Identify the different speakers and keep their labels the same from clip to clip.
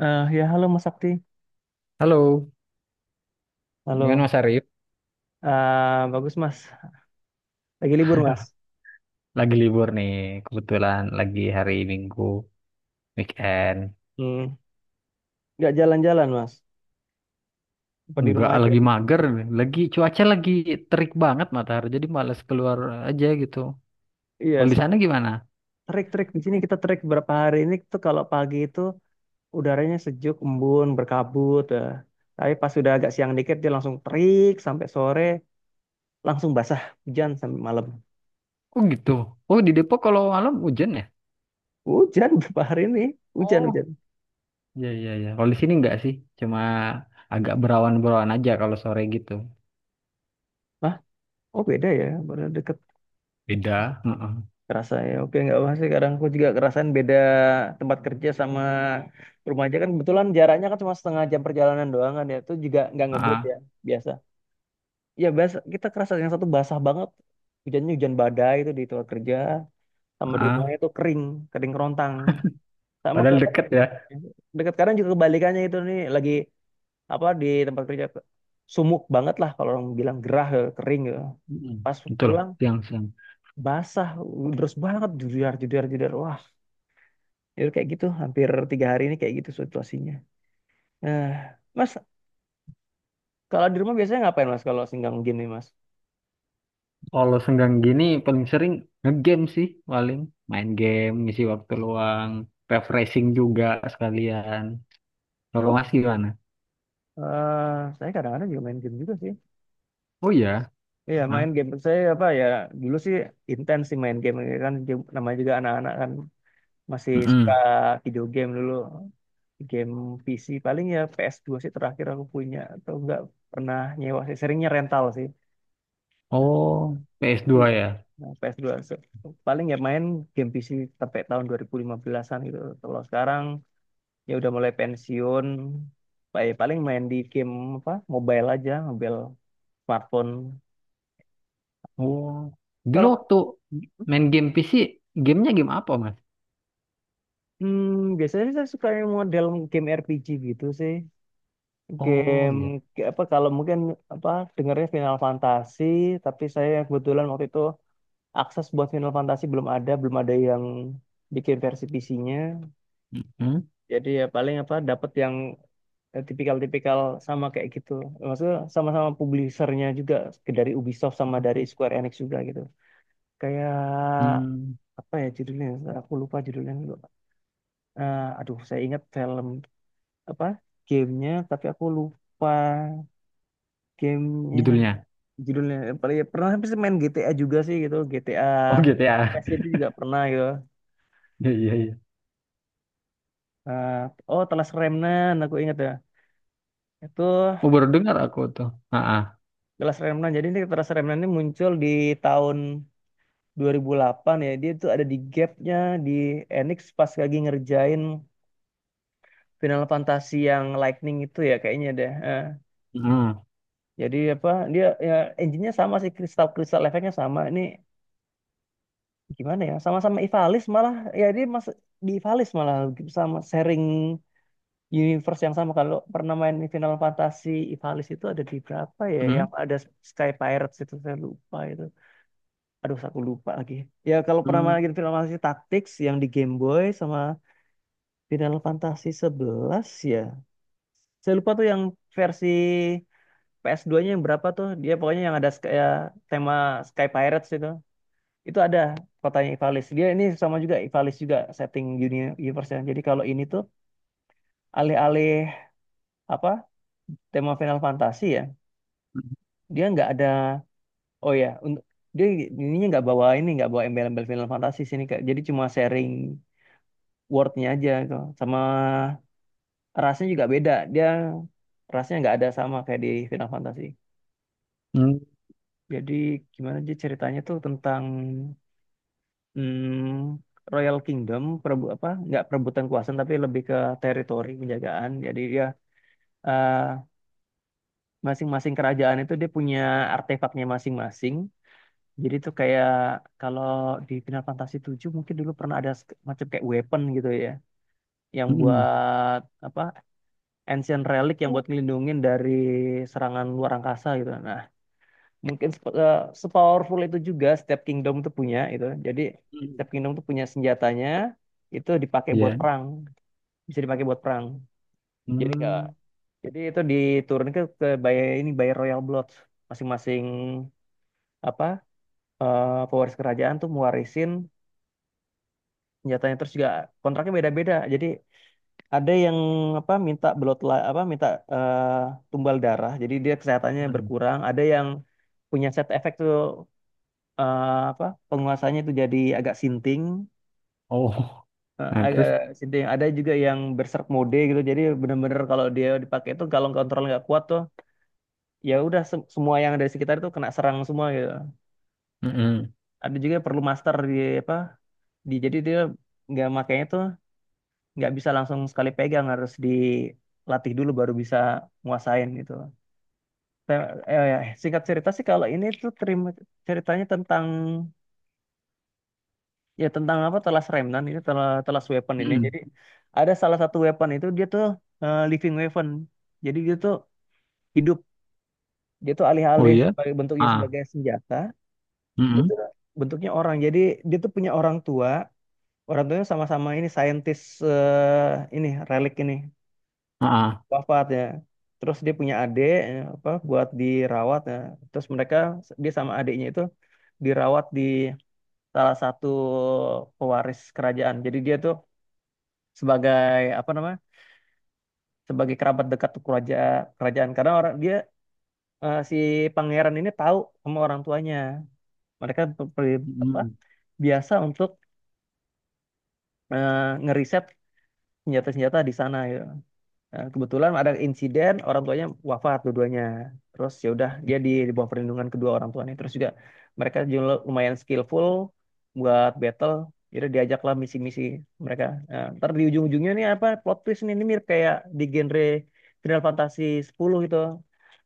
Speaker 1: Halo Mas Sakti.
Speaker 2: Halo, gimana
Speaker 1: Halo.
Speaker 2: Mas Arif?
Speaker 1: Bagus, Mas. Lagi libur, Mas.
Speaker 2: Lagi libur nih, kebetulan lagi hari Minggu, weekend.
Speaker 1: Hmm. Nggak jalan-jalan, Mas. Apa di
Speaker 2: Nggak
Speaker 1: rumah aja?
Speaker 2: lagi mager, lagi cuaca lagi terik banget matahari, jadi malas keluar aja gitu.
Speaker 1: Iya,
Speaker 2: Kalau di
Speaker 1: sama.
Speaker 2: sana gimana?
Speaker 1: Di sini kita trek berapa hari ini tuh, kalau pagi itu udaranya sejuk, embun, berkabut. Eh. Tapi pas sudah agak siang dikit dia langsung terik sampai sore, langsung basah, hujan sampai malam.
Speaker 2: Oh gitu. Oh di Depok kalau malam hujan ya?
Speaker 1: Hujan berapa hari ini? Hujan,
Speaker 2: Oh,
Speaker 1: hujan.
Speaker 2: iya iya iya. Kalau di sini nggak sih, cuma agak berawan-berawan aja kalau sore gitu.
Speaker 1: Hah? Oh, beda ya, baru deket
Speaker 2: Beda. Heeh.
Speaker 1: kerasa ya. Oke, nggak apa sih, kadang aku juga kerasain beda tempat kerja sama rumah aja kan, kebetulan jaraknya kan cuma setengah jam perjalanan doang kan, ya itu juga nggak ngebut
Speaker 2: Heeh.
Speaker 1: ya biasa. Ya biasa, kita kerasa yang satu basah banget hujannya, hujan badai itu di tempat kerja, sama di
Speaker 2: Heeh.
Speaker 1: rumahnya itu kering, kering kerontang. Sama ke
Speaker 2: Padahal deket ya.
Speaker 1: Dekat, kadang juga kebalikannya itu nih, lagi apa, di tempat kerja sumuk banget lah, kalau orang bilang gerah ya, kering ya.
Speaker 2: Mm.
Speaker 1: Pas
Speaker 2: Betul.
Speaker 1: pulang
Speaker 2: Siang-siang.
Speaker 1: basah terus banget, jujur jujur jujur, wah. Ya kayak gitu, hampir 3 hari ini kayak gitu situasinya. Eh, Mas, kalau di rumah biasanya ngapain, Mas, kalau singgang game nih, Mas?
Speaker 2: Kalau senggang gini paling sering ngegame sih, paling main game, ngisi waktu luang, refreshing juga sekalian. Kalau
Speaker 1: Oh,
Speaker 2: Mas gimana?
Speaker 1: saya kadang-kadang juga main game juga sih.
Speaker 2: Oh ya.
Speaker 1: Iya,
Speaker 2: Hah?
Speaker 1: main game. Saya apa ya, dulu sih intens sih main game. Ya kan namanya juga anak-anak kan, masih suka
Speaker 2: Mm-mm.
Speaker 1: video game dulu. Game PC, paling ya PS2 sih terakhir aku punya, atau enggak pernah nyewa sih. Seringnya rental sih.
Speaker 2: Oh, ps dua ya.
Speaker 1: Nah, paling ya main game PC sampai tahun 2015-an gitu. Kalau sekarang ya udah mulai pensiun, paling main di game apa? Mobile aja, mobile smartphone.
Speaker 2: Oh, dulu
Speaker 1: Kalau
Speaker 2: waktu main game PC, gamenya game apa Mas?
Speaker 1: biasanya sih saya suka yang model game RPG gitu sih.
Speaker 2: Oh
Speaker 1: Game
Speaker 2: ya.
Speaker 1: apa kalau mungkin apa, dengarnya Final Fantasy, tapi saya kebetulan waktu itu akses buat Final Fantasy belum ada, belum ada yang bikin versi PC-nya.
Speaker 2: Hmm?
Speaker 1: Jadi ya paling apa, dapat yang tipikal-tipikal sama kayak gitu. Maksudnya sama-sama publishernya juga dari Ubisoft sama dari Square Enix juga gitu. Kayak
Speaker 2: Hmm,
Speaker 1: apa ya judulnya? Aku lupa judulnya dulu. Aduh, saya ingat film apa, gamenya, tapi aku lupa gamenya
Speaker 2: judulnya.
Speaker 1: judulnya. Paling ya, pernah sih main GTA juga sih gitu. GTA
Speaker 2: Oh gitu ya.
Speaker 1: Quest itu juga pernah gitu.
Speaker 2: Iya iya iya.
Speaker 1: Eh, oh, Telas Remnan, aku ingat ya. Itu
Speaker 2: Oh baru dengar aku tuh. Ah, ah.
Speaker 1: Telas Remnan. Jadi ini Telas Remnan ini muncul di tahun 2008 ya, dia tuh ada di gapnya di Enix pas lagi ngerjain Final Fantasy yang Lightning itu ya kayaknya deh.
Speaker 2: Hmm.
Speaker 1: Jadi apa, dia ya engine-nya sama sih, kristal kristal efeknya sama. Ini gimana ya, sama-sama Ivalice malah ya, dia Mas di Ivalice malah sama sharing universe yang sama. Kalau pernah main Final Fantasy Ivalice itu ada di berapa ya, yang
Speaker 2: Hmm.
Speaker 1: ada Sky Pirates itu, saya lupa itu. Aduh, aku lupa lagi. Ya kalau pernah
Speaker 2: Hmm.
Speaker 1: main Final Fantasy Tactics yang di Game Boy sama Final Fantasy 11 ya. Saya lupa tuh yang versi PS2 nya yang berapa tuh. Dia pokoknya yang ada kayak tema Sky Pirates itu. Itu ada kotanya Ivalice. Dia ini sama juga Ivalice juga setting dunia universe-nya. Jadi kalau ini tuh alih-alih apa, tema Final Fantasy ya. Dia nggak ada, oh ya untuk dia ininya nggak bawa, ini nggak bawa embel-embel Final Fantasy sini kayak, jadi cuma sharing word-nya aja gitu. Sama rasnya juga beda. Dia rasnya nggak ada sama kayak di Final Fantasy. Jadi gimana sih ceritanya tuh, tentang mm, Royal Kingdom, perebu apa? Nggak perebutan kuasa, tapi lebih ke teritori penjagaan. Jadi dia eh, masing-masing kerajaan itu dia punya artefaknya masing-masing. Jadi itu kayak kalau di Final Fantasy 7 mungkin dulu pernah ada macam kayak weapon gitu ya, yang
Speaker 2: Hmm.
Speaker 1: buat apa? Ancient relic yang buat ngelindungin dari serangan luar angkasa gitu. Nah, mungkin sepowerful itu juga setiap kingdom itu punya itu, jadi
Speaker 2: Hmm.
Speaker 1: setiap kingdom itu punya senjatanya, itu dipakai buat
Speaker 2: Iya.
Speaker 1: perang, bisa dipakai buat perang. Jadi enggak,
Speaker 2: Hmm.
Speaker 1: jadi itu diturunkan ke by ini, by royal blood masing-masing apa, pewaris kerajaan tuh mewarisin senjatanya. Terus juga kontraknya beda-beda, jadi ada yang apa, minta apa minta eh, tumbal darah jadi dia kesehatannya berkurang, ada yang punya side effect tuh apa, penguasanya itu jadi agak sinting,
Speaker 2: Oh, nah
Speaker 1: agak
Speaker 2: terus,
Speaker 1: sinting, ada juga yang berserk mode gitu jadi bener-bener kalau dia dipakai itu, kalau kontrol nggak kuat tuh ya udah, semua yang ada di sekitar itu kena serang semua gitu.
Speaker 2: mm-mm,
Speaker 1: Ada juga yang perlu master di apa, di, jadi dia nggak makainya tuh nggak bisa langsung sekali pegang, harus dilatih dulu baru bisa nguasain gitu. Te- Singkat cerita sih kalau ini tuh terima ceritanya tentang, ya tentang apa, telas remnant itu telas, telas weapon ini.
Speaker 2: mm-mm.
Speaker 1: Jadi ada salah satu weapon itu dia tuh living weapon. Jadi dia tuh hidup, dia tuh
Speaker 2: Oh
Speaker 1: alih-alih
Speaker 2: iya,
Speaker 1: sebagai bentuknya
Speaker 2: ah,
Speaker 1: sebagai senjata, dia
Speaker 2: mm-mm,
Speaker 1: tuh bentuknya orang. Jadi dia tuh punya orang tua, orang tuanya sama-sama ini saintis. eh, ini relik ini
Speaker 2: ah, ah,
Speaker 1: wafat ya. Terus dia punya adik apa, buat dirawat ya. Terus mereka, dia sama adiknya itu dirawat di salah satu pewaris kerajaan. Jadi dia tuh sebagai apa namanya, sebagai kerabat dekat kerajaan, kerajaan karena orang dia si pangeran ini tahu sama orang tuanya. Mereka apa,
Speaker 2: mm-mm,
Speaker 1: biasa untuk eh, ngeriset senjata-senjata di sana ya. Nah, kebetulan ada insiden orang tuanya wafat dua-duanya. Terus ya udah dia di bawah perlindungan kedua orang tuanya. Terus juga mereka juga lumayan skillful buat battle. Jadi diajaklah misi-misi mereka. Nah, ntar di ujung-ujungnya nih apa, plot twist nih, ini mirip kayak di genre Final Fantasy 10 itu.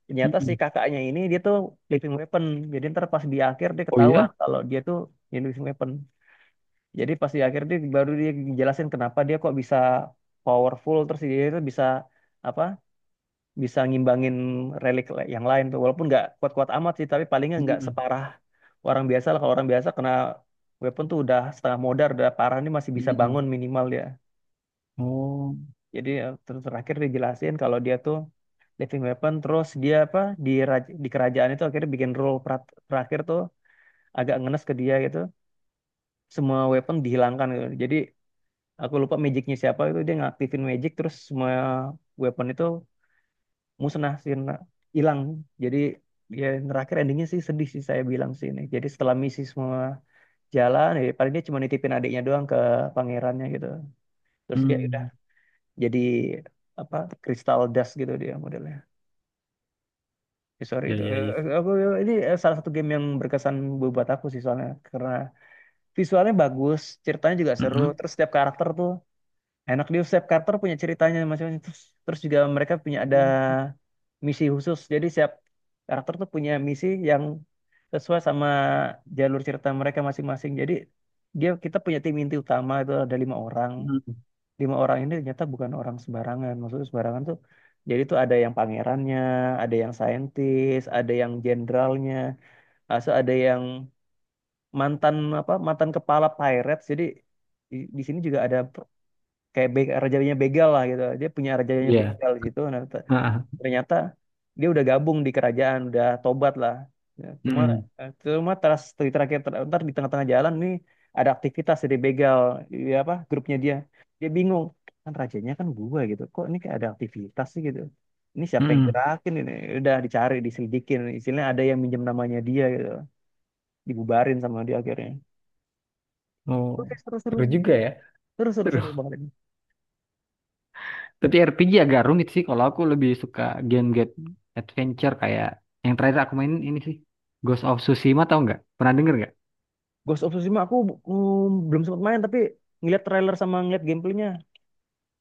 Speaker 1: Ternyata si
Speaker 2: mm-mm.
Speaker 1: kakaknya ini dia tuh living weapon. Jadi ntar pas di akhir dia
Speaker 2: Oh
Speaker 1: ketahuan
Speaker 2: iya,
Speaker 1: kalau dia tuh ya living weapon. Jadi pas di akhir dia baru dia jelasin kenapa dia kok bisa powerful, terus dia itu bisa apa, bisa ngimbangin yang lain tuh, walaupun nggak kuat-kuat amat sih, tapi palingnya nggak
Speaker 2: mm-mm,
Speaker 1: separah orang biasa lah. Kalau orang biasa kena weapon tuh udah setengah modar, udah parah nih masih bisa
Speaker 2: mm-mm.
Speaker 1: bangun, minimal dia.
Speaker 2: Oh,
Speaker 1: Jadi ya, terakhir dijelasin kalau dia tuh living weapon, terus dia apa, di kerajaan itu akhirnya bikin rule. Terakhir tuh agak ngenes ke dia gitu, semua weapon dihilangkan gitu. Jadi aku lupa magicnya siapa itu, dia ngaktifin magic terus semua weapon itu musnah sih, hilang. Jadi ya terakhir endingnya sih sedih sih saya bilang sih ini. Jadi setelah misi semua jalan ya paling dia cuma nitipin adiknya doang ke pangerannya gitu, terus dia udah
Speaker 2: mm.
Speaker 1: jadi apa, kristal dust gitu dia modelnya. Ya, sorry
Speaker 2: Ya,
Speaker 1: itu.
Speaker 2: ya, ya,
Speaker 1: Aku ini, salah satu game yang berkesan buat aku sih, soalnya karena visualnya bagus, ceritanya juga seru,
Speaker 2: mm-mm,
Speaker 1: terus setiap karakter tuh enak. Di Seth karakter punya ceritanya masing-masing. Terus juga mereka punya ada misi khusus. Jadi setiap karakter tuh punya misi yang sesuai sama jalur cerita mereka masing-masing. Jadi dia kita punya tim inti utama itu ada 5 orang.
Speaker 2: mm-mm.
Speaker 1: Lima orang ini ternyata bukan orang sembarangan. Maksudnya sembarangan tuh, jadi tuh ada yang pangerannya, ada yang saintis, ada yang jenderalnya, asal ada yang mantan apa, mantan kepala pirates. Jadi di sini juga ada kayak be rajanya begal lah gitu, dia punya rajanya
Speaker 2: Ya,
Speaker 1: begal gitu. Nah,
Speaker 2: ah, ah,
Speaker 1: ternyata dia udah gabung di kerajaan, udah tobat lah. Ya, cuma
Speaker 2: mm-mm,
Speaker 1: eh, cuma terus di terakhir ntar di tengah-tengah jalan nih ada aktivitas dari begal ya, apa grupnya dia, dia bingung kan, rajanya kan gua gitu, kok ini kayak ada aktivitas sih gitu, ini siapa yang
Speaker 2: mm-mm.
Speaker 1: gerakin ini. Udah dicari diselidikin, istilahnya ada yang minjem namanya dia gitu, dibubarin sama dia akhirnya.
Speaker 2: Oh,
Speaker 1: Oke, seru seru
Speaker 2: seru juga ya,
Speaker 1: seru seru
Speaker 2: seru.
Speaker 1: seru banget.
Speaker 2: Tapi RPG agak rumit sih, kalau aku lebih suka game-game adventure kayak yang terakhir aku mainin ini sih, Ghost of Tsushima tau nggak? Pernah denger nggak?
Speaker 1: Ghost of Tsushima aku belum sempat main, tapi ngeliat trailer sama ngeliat gameplaynya.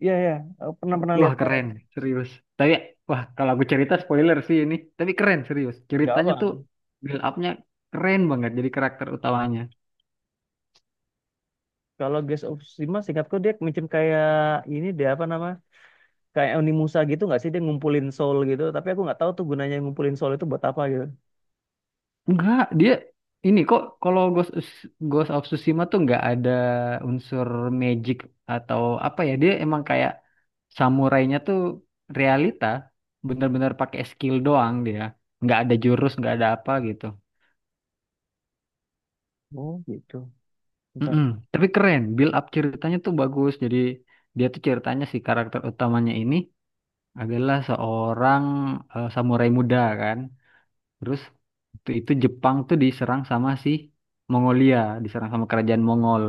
Speaker 1: Iya iya, aku pernah pernah lihat
Speaker 2: Wah
Speaker 1: lihat.
Speaker 2: keren, serius. Tapi wah kalau aku cerita spoiler sih ini. Tapi keren serius.
Speaker 1: Nggak
Speaker 2: Ceritanya
Speaker 1: apa.
Speaker 2: tuh build up-nya keren banget jadi karakter utamanya.
Speaker 1: Kalau Ghost of Tsushima seingatku dia macam kayak ini, dia apa nama? Kayak Onimusa gitu nggak sih, dia ngumpulin soul gitu. Tapi aku nggak tahu tuh gunanya ngumpulin soul itu buat apa gitu.
Speaker 2: Enggak, dia ini kok kalau Ghost, Ghost of Tsushima tuh nggak ada unsur magic atau apa ya. Dia emang kayak samurainya tuh realita, bener-bener pakai skill doang dia. Nggak ada jurus, nggak ada apa gitu.
Speaker 1: Oh gitu. Bentar.
Speaker 2: Mm-mm. Tapi keren, build up ceritanya tuh bagus. Jadi dia tuh ceritanya si karakter utamanya ini adalah seorang samurai muda kan. Terus waktu itu Jepang tuh diserang sama si Mongolia, diserang sama kerajaan Mongol.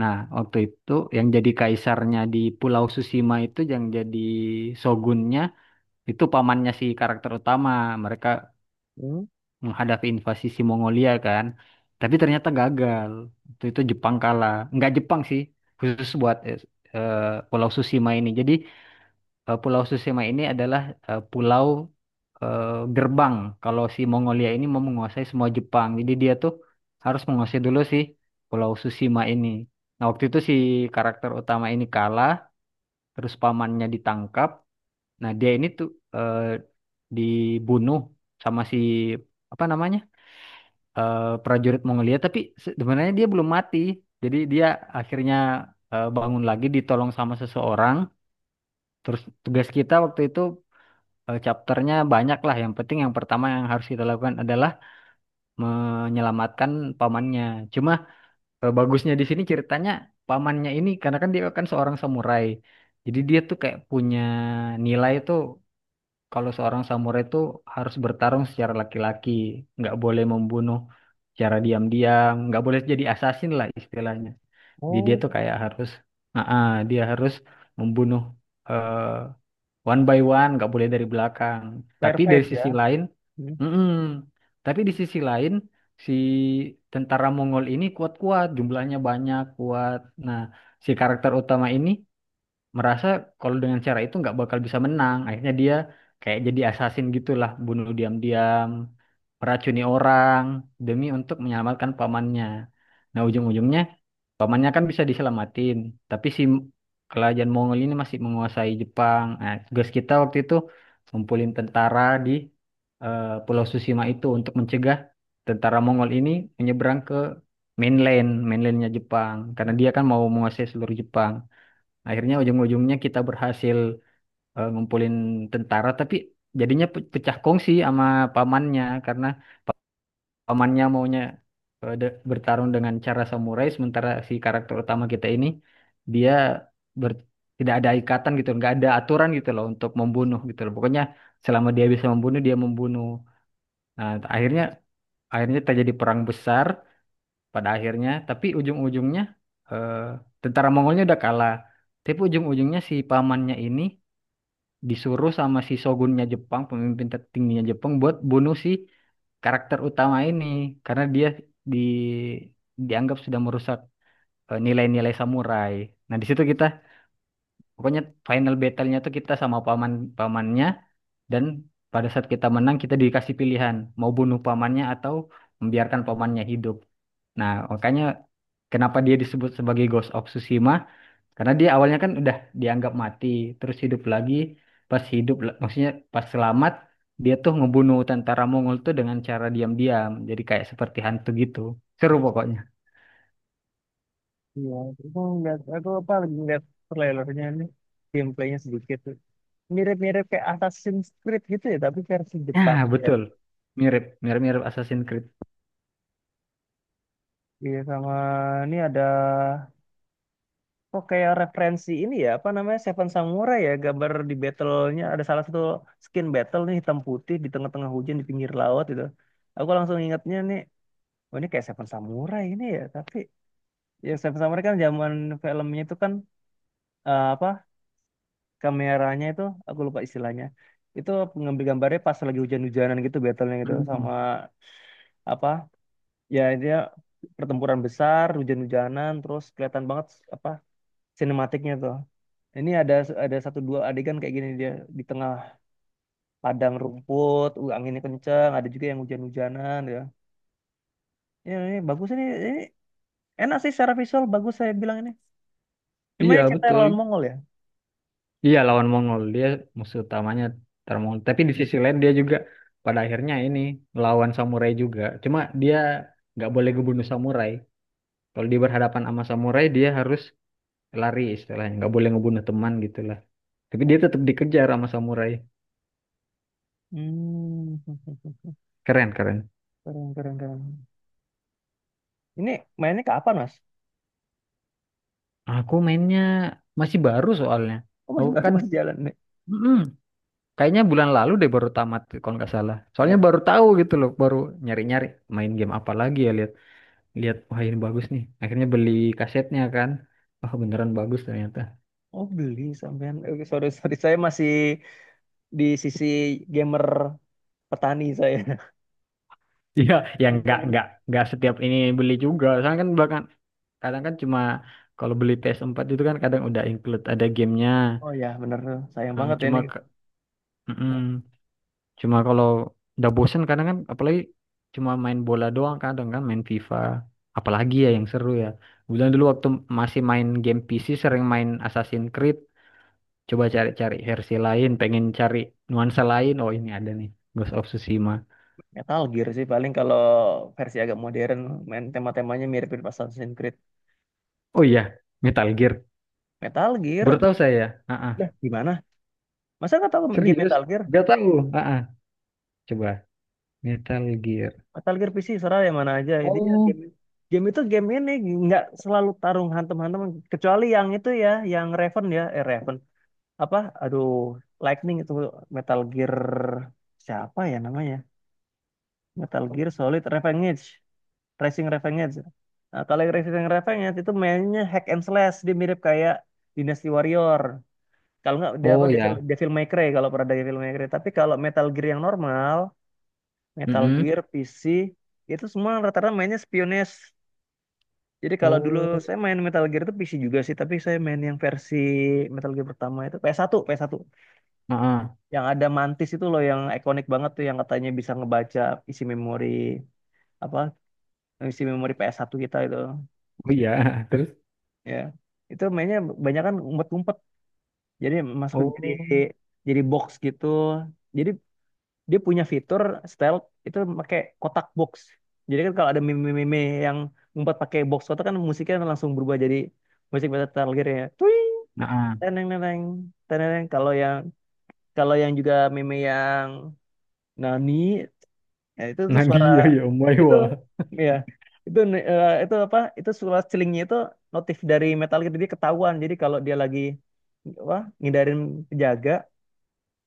Speaker 2: Nah, waktu itu yang jadi kaisarnya di Pulau Susima itu yang jadi shogunnya itu pamannya si karakter utama. Mereka
Speaker 1: Hmm.
Speaker 2: menghadapi invasi si Mongolia kan. Tapi ternyata gagal. Waktu itu Jepang kalah. Nggak Jepang sih, khusus buat eh, Pulau Susima ini. Jadi Pulau Susima ini adalah pulau eh, gerbang. Kalau si Mongolia ini mau menguasai semua Jepang, jadi dia tuh harus menguasai dulu si Pulau Susima ini. Nah, waktu itu si karakter utama ini kalah, terus pamannya ditangkap. Nah, dia ini tuh eh, dibunuh sama si apa namanya prajurit Mongolia, tapi sebenarnya dia belum mati. Jadi dia akhirnya bangun lagi, ditolong sama seseorang. Terus tugas kita waktu itu chapternya banyak lah. Yang penting yang pertama yang harus kita lakukan adalah menyelamatkan pamannya. Cuma bagusnya di sini ceritanya, pamannya ini karena kan dia kan seorang samurai. Jadi dia tuh kayak punya nilai tuh kalau seorang samurai tuh harus bertarung secara laki-laki, nggak boleh membunuh secara diam-diam, nggak boleh jadi assassin lah istilahnya. Jadi dia
Speaker 1: Oh,
Speaker 2: tuh kayak harus, dia harus membunuh eh, one by one, nggak boleh dari belakang. Tapi dari
Speaker 1: Firefight ya.
Speaker 2: sisi lain,
Speaker 1: Hmm.
Speaker 2: mm-mm. Tapi di sisi lain, si tentara Mongol ini kuat-kuat, jumlahnya banyak, kuat. Nah, si karakter utama ini merasa kalau dengan cara itu nggak bakal bisa menang. Akhirnya dia kayak jadi assassin gitulah, bunuh diam-diam, meracuni orang demi untuk menyelamatkan pamannya. Nah, ujung-ujungnya pamannya kan bisa diselamatin, tapi si kerajaan Mongol ini masih menguasai Jepang. Nah, tugas kita waktu itu ngumpulin tentara di Pulau Susima itu untuk mencegah tentara Mongol ini menyeberang ke mainland, mainlandnya Jepang, karena dia kan mau menguasai seluruh Jepang. Akhirnya ujung-ujungnya kita berhasil ngumpulin tentara, tapi jadinya pecah kongsi sama pamannya karena pamannya maunya bertarung dengan cara samurai, sementara si karakter utama kita ini dia ber- tidak ada ikatan gitu, nggak ada aturan gitu loh untuk membunuh gitu loh, pokoknya selama dia bisa membunuh dia membunuh. Nah akhirnya, terjadi perang besar pada akhirnya, tapi ujung-ujungnya eh, tentara Mongolnya udah kalah, tapi ujung-ujungnya si pamannya ini disuruh sama si shogunnya Jepang, pemimpin tertingginya Jepang buat bunuh si karakter utama ini karena dia di dianggap sudah merusak nilai-nilai samurai. Nah, di situ kita pokoknya final battle-nya tuh kita sama paman, pamannya, dan pada saat kita menang kita dikasih pilihan mau bunuh pamannya atau membiarkan pamannya hidup. Nah, makanya kenapa dia disebut sebagai Ghost of Tsushima karena dia awalnya kan udah dianggap mati, terus hidup lagi. Pas hidup, maksudnya pas selamat, dia tuh ngebunuh tentara Mongol tuh dengan cara diam-diam. Jadi kayak seperti hantu gitu. Seru pokoknya.
Speaker 1: Iya, aku ngeliat, aku apa lagi ngeliat trailernya nih, gameplaynya sedikit tuh. Mirip-mirip kayak Assassin's Creed gitu ya, tapi versi
Speaker 2: Nah,
Speaker 1: Jepang. Ya.
Speaker 2: betul. Mirip, mirip-mirip Assassin's Creed.
Speaker 1: Iya, sama ini ada kok kayak referensi ini ya, apa namanya, Seven Samurai ya, gambar di battle-nya ada salah satu skin battle nih hitam putih di tengah-tengah hujan di pinggir laut gitu. Aku langsung ingatnya nih, oh ini kayak Seven Samurai ini ya. Tapi ya Seven Samurai kan zaman filmnya itu kan apa, kameranya itu, aku lupa istilahnya itu, ngambil gambarnya pas lagi hujan-hujanan gitu battle-nya gitu. Sama
Speaker 2: Mhm.
Speaker 1: apa ya, dia pertempuran besar hujan-hujanan, terus kelihatan banget apa, sinematiknya tuh. Ini ada satu dua adegan kayak gini, dia di tengah padang rumput, anginnya kencang, ada juga yang hujan-hujanan ya. Ya ini bagus ini enak sih, secara visual bagus saya bilang ini. Cuma ini
Speaker 2: Iya,
Speaker 1: kita lawan
Speaker 2: betul.
Speaker 1: Mongol ya.
Speaker 2: Iya, lawan Mongol. Dia musuh utamanya tentara Mongol. Tapi di sisi lain dia juga pada akhirnya ini lawan samurai juga. Cuma dia nggak boleh ngebunuh samurai. Kalau dia berhadapan sama samurai, dia harus lari, istilahnya nggak boleh ngebunuh teman gitulah, tapi dia tetap dikejar sama samurai.
Speaker 1: Hmm,
Speaker 2: Keren keren.
Speaker 1: keren keren keren. Ini mainnya kapan, Mas?
Speaker 2: Aku mainnya masih baru soalnya,
Speaker 1: Oh masih
Speaker 2: aku
Speaker 1: baru,
Speaker 2: kan
Speaker 1: masih jalan nih.
Speaker 2: mm-mm, kayaknya bulan lalu deh baru tamat kalau nggak salah, soalnya
Speaker 1: Eh,
Speaker 2: baru tahu gitu loh, baru nyari nyari main game apa lagi ya, lihat lihat wah ini bagus nih, akhirnya beli kasetnya kan, wah beneran bagus ternyata.
Speaker 1: oh, beli sampean. Oke, sorry sorry saya masih di sisi gamer petani saya.
Speaker 2: Iya ya, nggak setiap ini beli juga soalnya kan, bahkan kadang kan cuma kalau beli PS4 itu kan kadang udah include ada gamenya.
Speaker 1: Oh ya bener, sayang banget
Speaker 2: Eh,
Speaker 1: ya ini.
Speaker 2: cuma ke- Mm-mm. Cuma kalau udah bosen kadang kan, apalagi cuma main bola doang kadang kan main FIFA, apalagi ya yang seru ya. Bulan dulu waktu masih main game PC sering main Assassin's Creed, coba cari-cari versi lain, pengen cari nuansa lain, oh ini ada nih Ghost of Tsushima.
Speaker 1: Metal Gear sih paling kalau versi agak modern main tema-temanya mirip-mirip Assassin's Creed.
Speaker 2: Oh iya, Metal Gear,
Speaker 1: Metal
Speaker 2: baru
Speaker 1: Gear,
Speaker 2: tahu saya.
Speaker 1: lah
Speaker 2: Ah
Speaker 1: gimana? Masa nggak tahu game
Speaker 2: Serius?
Speaker 1: Metal Gear?
Speaker 2: Gak tahu. Ah Coba Metal Gear.
Speaker 1: Metal Gear PC serah yang mana aja. Dia
Speaker 2: Oh,
Speaker 1: game game itu game ini nggak selalu tarung hantam-hantam kecuali yang itu ya, yang Raven ya, Raven apa? Aduh, Lightning itu Metal Gear siapa ya namanya? Metal Gear Solid Revenge, Racing Revenge. Nah, kalau yang Racing Revenge itu mainnya hack and slash, dia mirip kayak Dynasty Warrior. Kalau nggak dia apa
Speaker 2: oh
Speaker 1: Devil
Speaker 2: ya.
Speaker 1: Devil May Cry kalau pernah ada Devil May Cry. Tapi kalau Metal Gear yang normal, Metal
Speaker 2: Mm-mm.
Speaker 1: Gear PC itu semua rata-rata mainnya spionage. Jadi kalau dulu
Speaker 2: Oh.
Speaker 1: saya main Metal Gear itu PC juga sih, tapi saya main yang versi Metal Gear pertama itu PS1, ps satu P S satu.
Speaker 2: ah
Speaker 1: Yang ada Mantis itu loh yang ikonik banget tuh yang katanya bisa ngebaca isi memori apa isi memori ps satu kita itu.
Speaker 2: Oh iya. Terus.
Speaker 1: Ya. Itu mainnya banyak kan umpet-umpet. Jadi masuk jadi
Speaker 2: Oh.
Speaker 1: jadi box gitu. Jadi dia punya fitur stealth itu pakai kotak box jadi kan kalau ada meme-meme yang ngumpet pakai box kotak kan musiknya langsung berubah jadi musik Metal Gear ya Tuing,
Speaker 2: ah
Speaker 1: teneng teneng teneng kalau yang juga meme yang Nani ya itu tuh suara
Speaker 2: Nadia ya Om
Speaker 1: itu
Speaker 2: Maiwa.
Speaker 1: ya itu itu apa itu suara celingnya itu notif dari Metal Gear jadi ketahuan jadi kalau dia lagi apa ngindarin penjaga.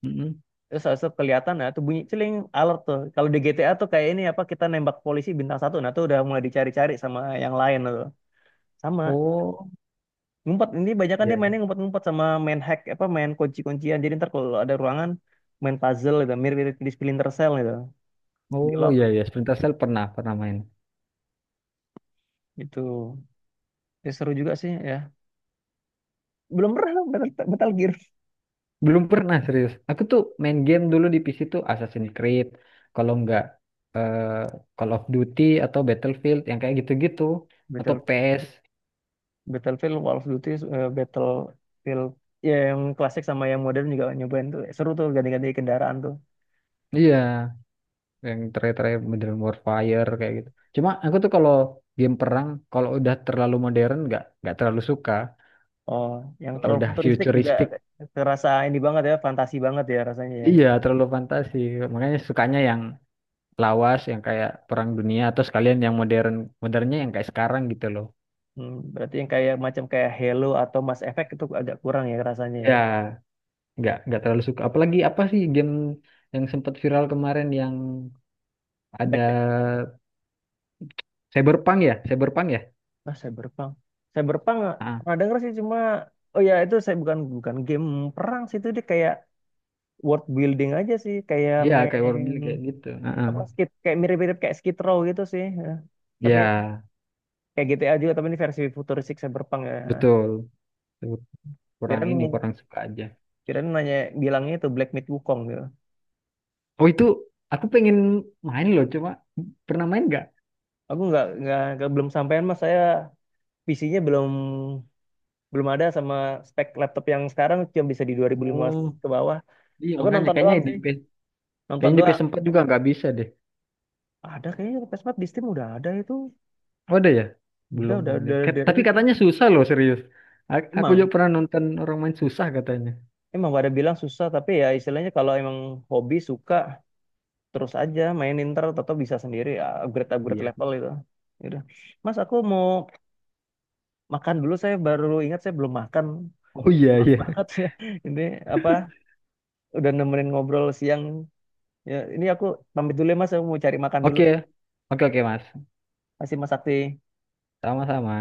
Speaker 2: Mm-mm.
Speaker 1: Terus habis itu kelihatan nah tuh bunyi celing alert tuh. Kalau di G T A tuh kayak ini apa kita nembak polisi bintang satu nah tuh udah mulai dicari-cari sama yang lain nah, tuh. Sama
Speaker 2: Oh.
Speaker 1: ngumpet ini banyak kan dia
Speaker 2: Ya.
Speaker 1: mainnya ngumpet-ngumpet sama main hack apa main kunci-kuncian. Jadi ntar kalau ada ruangan main puzzle gitu mirip-mirip di Splinter Cell gitu. Di
Speaker 2: Oh
Speaker 1: lock
Speaker 2: iya ya, Splinter Cell pernah pernah main.
Speaker 1: gitu. Ya, seru juga sih ya. Belum pernah Battle Gear.
Speaker 2: Belum pernah serius. Aku tuh main game dulu di PC tuh Assassin's Creed, kalau nggak eh, Call of Duty atau Battlefield yang kayak gitu-gitu atau
Speaker 1: Battle,
Speaker 2: PES.
Speaker 1: Battlefield, Call of Duty, Battlefield ya yang klasik sama yang modern juga nyobain tuh seru tuh ganti-ganti kendaraan tuh.
Speaker 2: Iya, yang terakhir-terakhir Modern Warfare kayak gitu. Cuma aku tuh kalau game perang kalau udah terlalu modern nggak terlalu suka.
Speaker 1: Oh, yang
Speaker 2: Kalau
Speaker 1: terlalu
Speaker 2: udah
Speaker 1: futuristik juga
Speaker 2: futuristik,
Speaker 1: terasa ini banget ya, fantasi banget ya rasanya ya.
Speaker 2: iya terlalu fantasi. Makanya sukanya yang lawas yang kayak Perang Dunia atau sekalian yang modern, modernnya yang kayak sekarang gitu loh.
Speaker 1: Hmm, berarti yang kayak macam kayak Halo atau Mass Effect itu agak kurang ya rasanya ya.
Speaker 2: Ya, nggak terlalu suka. Apalagi apa sih game yang sempat viral kemarin yang ada,
Speaker 1: Black.
Speaker 2: Cyberpunk ya, Cyberpunk ya.
Speaker 1: Nah, Cyberpunk. Cyberpunk
Speaker 2: Ah.
Speaker 1: pernah denger sih cuma oh ya itu saya bukan bukan game perang sih itu dia kayak world building aja sih, kayak
Speaker 2: Iya, kayak world
Speaker 1: main
Speaker 2: building kayak gitu. Heeh.
Speaker 1: apa skit kayak mirip-mirip kayak Skid Row gitu sih. Ya. Tapi
Speaker 2: Ya,
Speaker 1: kayak GTA juga tapi ini versi futuristik Cyberpunk ya.
Speaker 2: betul. Kurang
Speaker 1: Kirain
Speaker 2: ini, kurang suka aja.
Speaker 1: kirain nanya bilangnya itu Black Myth Wukong gitu.
Speaker 2: Oh itu, aku pengen main loh, coba pernah main nggak?
Speaker 1: Aku belum sampean mas. Saya PC-nya belum belum ada sama spek laptop yang sekarang cuma bisa di 2015
Speaker 2: Oh.
Speaker 1: ke bawah.
Speaker 2: Iya,
Speaker 1: Aku
Speaker 2: makanya
Speaker 1: nonton
Speaker 2: kayaknya
Speaker 1: doang
Speaker 2: di
Speaker 1: sih,
Speaker 2: PS,
Speaker 1: nonton
Speaker 2: kayaknya di
Speaker 1: doang.
Speaker 2: PS4 juga nggak bisa deh.
Speaker 1: Ada kayaknya PS4 di Steam udah ada itu.
Speaker 2: Oh, ada ya?
Speaker 1: Udah
Speaker 2: Belum
Speaker 1: udah
Speaker 2: punya.
Speaker 1: udah
Speaker 2: Tapi
Speaker 1: dirilis. Ya.
Speaker 2: katanya susah loh, serius. Aku juga
Speaker 1: Emang
Speaker 2: pernah nonton orang main susah katanya.
Speaker 1: emang pada bilang susah tapi ya istilahnya kalau emang hobi suka terus aja mainin ntar atau bisa sendiri upgrade upgrade
Speaker 2: Iya.
Speaker 1: level itu. Ya Mas aku mau makan dulu saya baru ingat saya belum makan.
Speaker 2: Oh iya,
Speaker 1: Maaf
Speaker 2: iya.
Speaker 1: banget ya. Ini apa udah nemenin ngobrol siang. Ya, ini aku pamit dulu ya Mas, aku mau cari makan dulu.
Speaker 2: Oke. Oke, oke, Mas.
Speaker 1: Masih Mas Sakti.
Speaker 2: Sama-sama.